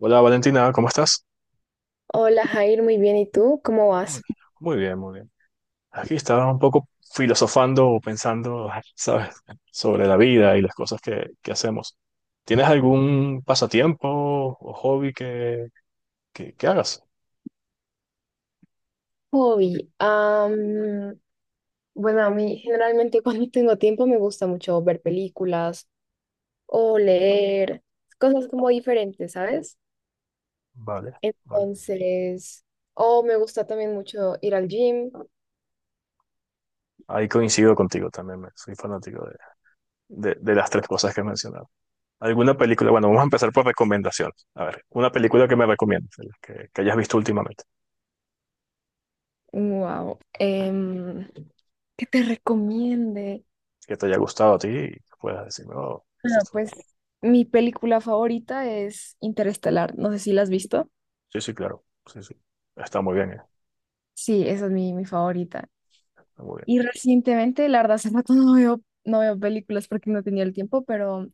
Hola Valentina, ¿cómo estás? Hola Jair, muy bien. ¿Y tú? ¿Cómo Muy vas? muy bien, muy bien. Aquí estaba un poco filosofando o pensando, ¿sabes?, sobre la vida y las cosas que hacemos. ¿Tienes algún pasatiempo o hobby que hagas? Hobby. Bueno, a mí generalmente cuando tengo tiempo me gusta mucho ver películas o leer cosas como diferentes, ¿sabes? Vale, vale. Entonces, o me gusta también mucho ir al gym. Ahí coincido contigo también, soy fanático de las tres cosas que he mencionado. ¿Alguna película? Bueno, vamos a empezar por recomendaciones. A ver, una película que me recomiendes, de las que hayas visto últimamente, Wow. em, ¿Qué te recomiende? que te haya gustado a ti y que puedas decirme, oh, Bueno, esto. pues mi película favorita es Interestelar. No sé si la has visto. Sí, sí, claro. Sí, sí. Está muy bien, eh. Sí, esa es mi favorita. Está muy bien. Y recientemente, la verdad, hace rato no veo películas porque no tenía el tiempo, pero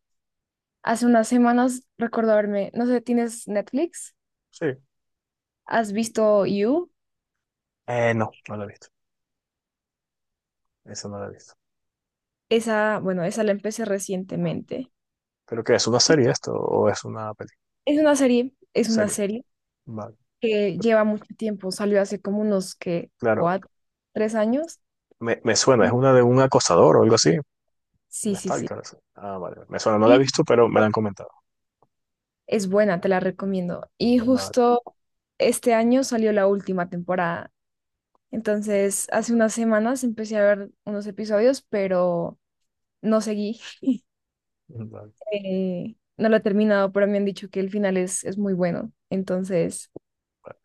hace unas semanas recuerdo haberme, no sé, ¿tienes Netflix? Sí. ¿Has visto You? No, no la he visto. Esa no la he visto. Esa, bueno, esa la empecé recientemente. ¿Pero qué? ¿Es una Y serie esto o es una película? Es una serie, es una Serie. serie Vale. que lleva mucho tiempo, salió hace como unos, ¿que Claro. cuatro? ¿Tres años? Me suena. Es Y- una de un acosador o algo así. Sí, Un sí, sí. stalker. Así. Ah, vale. Vale. Me suena. No la he Y visto, pero me la han comentado. es buena, te la recomiendo. Y Vale. justo este año salió la última temporada. Entonces, hace unas semanas empecé a ver unos episodios, pero no seguí. Vale. No lo he terminado, pero me han dicho que el final es muy bueno. Entonces, Vale.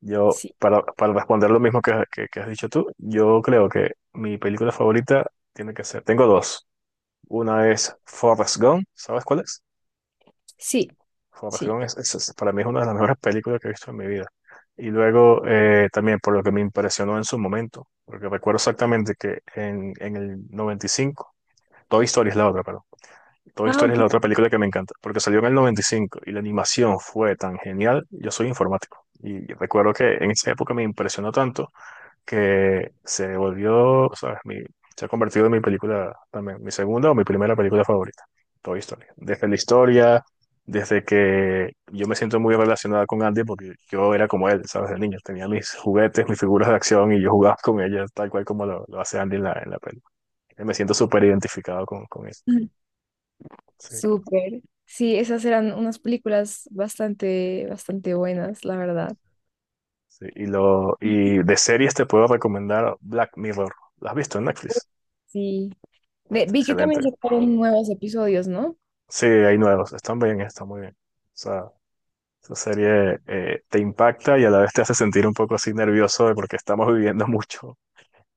Yo, sí, para responder lo mismo que, que has dicho tú, yo creo que mi película favorita tiene que ser. Tengo dos. Una es Forrest Gump. ¿Sabes cuál es? sí, Forrest sí. Gump para mí es una de las mejores películas que he visto en mi vida. Y luego también por lo que me impresionó en su momento, porque recuerdo exactamente que en el 95 Toy Story es la otra, perdón. Toy Ah, Story es ok. la otra película que me encanta, porque salió en el 95 y la animación fue tan genial. Yo soy informático y recuerdo que en esa época me impresionó tanto que se volvió, o sea, se ha convertido en mi película también, mi segunda o mi primera película favorita, Toy Story. Desde la historia, desde que yo me siento muy relacionada con Andy porque yo era como él, ¿sabes? De niño, tenía mis juguetes, mis figuras de acción y yo jugaba con ellas tal cual como lo hace Andy en la peli. Me siento súper identificado con eso. Ujú. Sí, Súper. Sí, esas eran unas películas bastante, bastante buenas, la verdad. sí. Y, Ujú. De series te puedo recomendar Black Mirror. ¿Lo has visto en Netflix? Sí. Está Vi que también excelente. sacaron nuevos episodios, ¿no? Sí, hay nuevos. Están bien, están muy bien. O sea, esa serie te impacta y a la vez te hace sentir un poco así nervioso de porque estamos viviendo mucho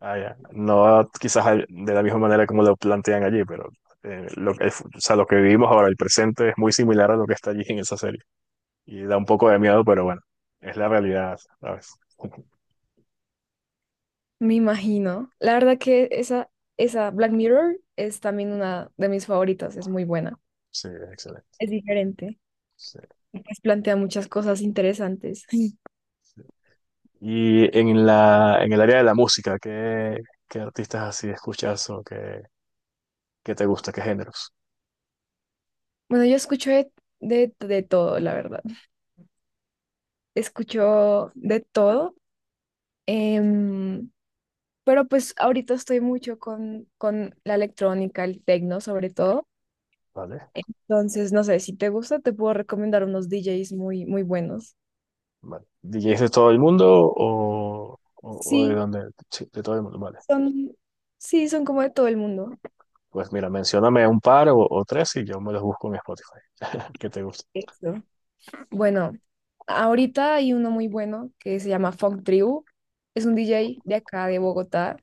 allá. No quizás de la misma manera como lo plantean allí, pero o sea, lo que vivimos ahora, el presente, es muy similar a lo que está allí en esa serie. Y da un poco de miedo, pero bueno, es la realidad, ¿sabes? Me imagino. La verdad que esa Black Mirror es también una de mis favoritas, es muy buena. Sí, es excelente. Es diferente. Sí, Pues plantea muchas cosas interesantes. sí. Y en la, en el área de la música, ¿qué, qué artistas así escuchas o qué, qué te gusta, qué géneros? Bueno, yo escucho de todo, la verdad. Escucho de todo, em, pero pues ahorita estoy mucho con la electrónica, el techno sobre todo. ¿Vale? Entonces, no sé, si te gusta, te puedo recomendar unos DJs muy, muy buenos. Vale. ¿DJs de todo el mundo o, o de Sí, dónde? Sí, de todo el mundo, vale. son, sí, son como de todo el mundo. Pues mira, mencióname un par o tres y yo me los busco en Spotify. Que te guste. Eso. Bueno, ahorita hay uno muy bueno que se llama Funk Tribu. Es un DJ de acá, de Bogotá.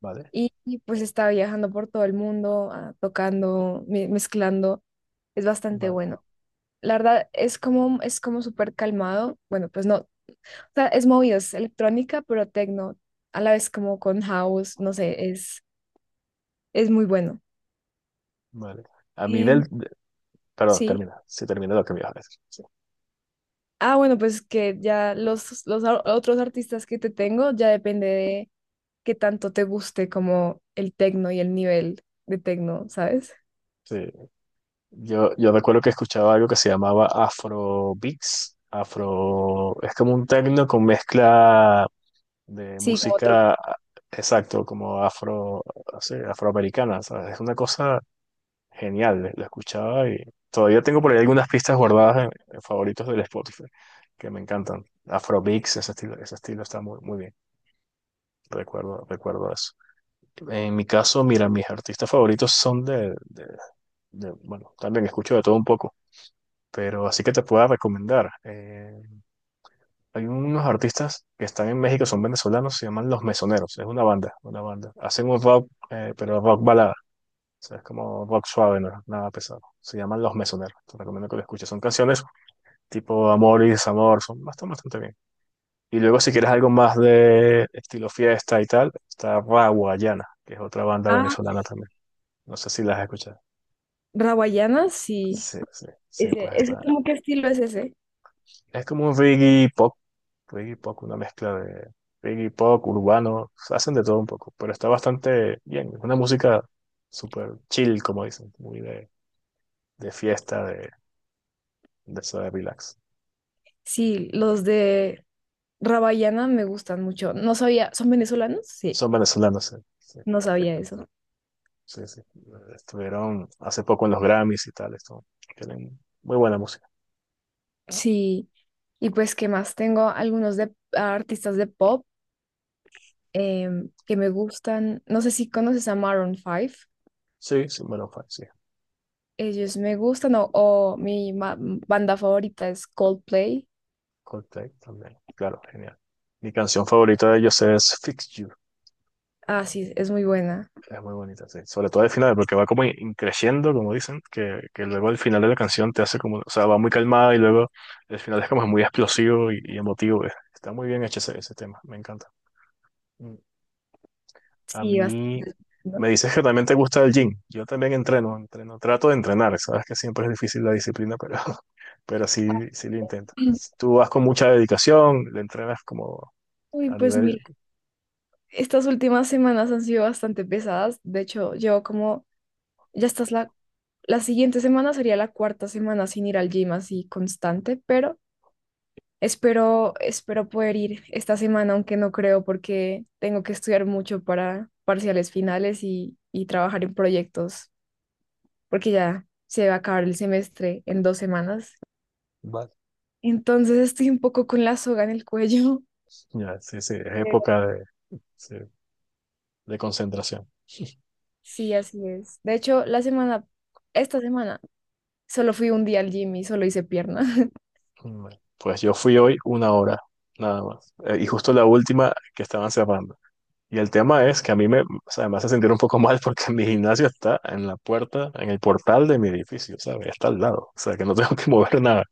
Vale, Y, pues estaba viajando por todo el mundo, tocando, mezclando. Es bastante vale, bueno. La verdad es como súper calmado. Bueno, pues no, o sea, es movido, es electrónica, pero techno. A la vez como con house, no sé, es muy bueno. vale. A mí Em, perdón, sí. termina. Sí, termina lo que me ibas a decir. Sí. Ah, bueno, pues que ya los otros artistas que te tengo ya depende de qué tanto te guste como el techno y el nivel de techno, ¿sabes? Sí. Yo recuerdo que escuchaba algo que se llamaba Afro Beats. Afro... Es como un techno con mezcla de Sí, como otro. música... Exacto, como afro, sí, afroamericana, ¿sabes? Es una cosa genial, la escuchaba y todavía tengo por ahí algunas pistas guardadas en favoritos del Spotify que me encantan. Afrobeats, ese estilo está muy, muy bien. Recuerdo, recuerdo eso. En mi caso, mira, mis artistas favoritos son bueno, también escucho de todo un poco, pero así que te puedo recomendar. Hay unos artistas que están en México, son venezolanos, se llaman Los Mesoneros. Es una banda. Hacen un rock, pero rock balada. O sea, es como rock suave, no es nada pesado. Se llaman Los Mesoneros. Te recomiendo que lo escuches. Son canciones tipo amor y desamor. Son bastante, bastante bien. Y luego, si quieres algo más de estilo fiesta y tal, está Raguayana, que es otra banda Ah, venezolana también. No sé si las has escuchado. Rawayana, sí. Sí, sí, sí, Ese, pues ese, está. ¿cómo qué estilo es ese? Es como un reggae pop, una mezcla de reggae pop, urbano. Hacen de todo un poco, pero está bastante bien. Es una música súper chill, como dicen, muy de fiesta, de eso de relax. Sí, los de Rabayana me gustan mucho. No sabía, ¿son venezolanos? Sí, Son venezolanos, sí, no sabía eso. sí, sí. Estuvieron hace poco en los Grammys y tal, esto. Tienen muy buena música. Sí, y pues, ¿qué más? Tengo algunos de artistas de pop que me gustan. No sé si conoces a Maroon 5. Sí, sí, bueno, sí. Ellos me gustan, o mi banda favorita es Coldplay. Coldplay también. Claro, genial. Mi canción favorita de ellos es Fix You. Ah, sí, es muy buena. Es muy bonita, sí. Sobre todo al final, porque va como in creciendo, como dicen, que luego al final de la canción te hace como, o sea, va muy calmada y luego el final es como muy explosivo y emotivo. Eh. Está muy bien hecho ese, ese tema, me encanta. Mm. A Sí, bastante, mí ¿no? me dices que también te gusta el gym. Yo también entreno, trato de entrenar. Sabes que siempre es difícil la disciplina, pero, pero Ah, sí, sí lo intento. Tú vas con mucha dedicación, le entrenas como Uy, a pues nivel... mira, estas últimas semanas han sido bastante pesadas. De hecho, llevo como ya estás la siguiente semana, sería la cuarta semana sin ir al gym así constante, pero espero poder ir esta semana, aunque no creo, porque tengo que estudiar mucho para parciales finales y trabajar en proyectos, porque ya se va a acabar el semestre en 2 semanas. Vale. Entonces estoy un poco con la soga en el cuello. Ya, sí, sí, es Pero época sí, de concentración. sí, así es. De hecho, la semana, esta semana, solo fui un día al gym y solo hice pierna. Bueno, pues yo fui hoy una hora, nada más. Y justo la última que estaban cerrando. Y el tema es que a mí me, o sea, me hace sentir un poco mal porque mi gimnasio está en la puerta, en el portal de mi edificio, ¿sabes? Está al lado, o sea, que no tengo que mover nada.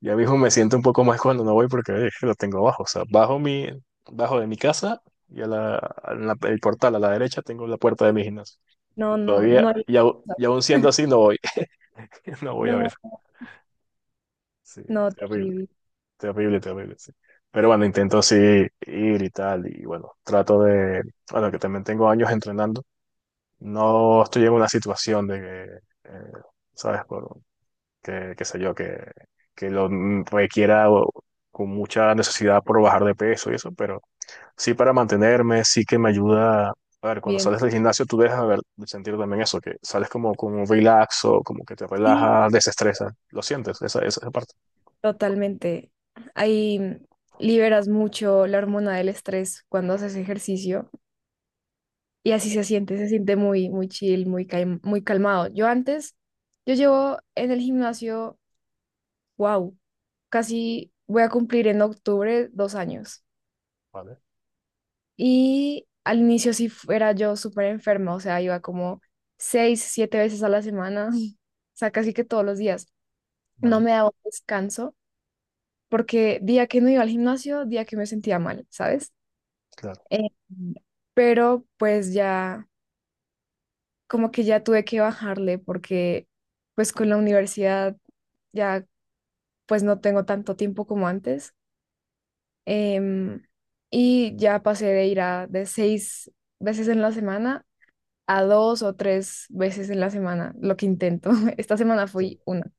Ya mismo me siento un poco mal cuando no voy porque lo tengo abajo, o sea, bajo mi, bajo de mi casa y a el portal a la derecha tengo la puerta de mi gimnasio. No, Y no, todavía, no. Aún siendo así, no voy, no voy a ver. No. Sí, No, terrible, terrible. terrible, terrible, sí. Pero bueno, intento así ir y tal, y bueno, bueno, que también tengo años entrenando. No estoy en una situación de que, ¿sabes? Por, que, qué sé yo, que lo requiera con mucha necesidad por bajar de peso y eso, pero sí para mantenerme, sí que me ayuda. A ver, cuando Bien. sales del gimnasio, tú dejas de ver, de sentir también eso, que sales como con un relax o como que te Sí, relajas, desestresa. Lo sientes, esa, esa parte. totalmente. Ahí liberas mucho la hormona del estrés cuando haces ejercicio y así se siente muy, muy chill, muy calmado. Yo llevo en el gimnasio, wow, casi voy a cumplir en octubre 2 años. Vale, Y al inicio sí era yo súper enferma, o sea, iba como 6, 7 veces a la semana, o sea, casi que todos los días. No vale, me daba un descanso porque día que no iba al gimnasio, día que me sentía mal, ¿sabes? claro. Eh, pero pues ya, como que ya tuve que bajarle, porque pues con la universidad ya pues no tengo tanto tiempo como antes. Em, y ya pasé de ir a de 6 veces en la semana a 2 o 3 veces en la semana, lo que intento. Esta semana Sí. fui una.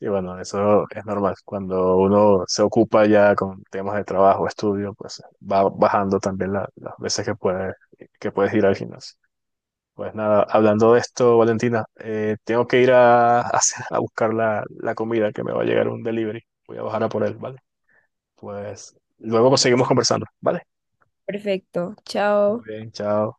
Y bueno, eso es normal. Cuando uno se ocupa ya con temas de trabajo, estudio, pues va bajando también las veces que puedes ir al gimnasio. Pues nada, hablando de esto, Valentina, tengo que ir a, a buscar la, la comida que me va a llegar un delivery. Voy a bajar a por él, ¿vale? Pues luego seguimos conversando, ¿vale? Perfecto, Muy chao. bien, chao.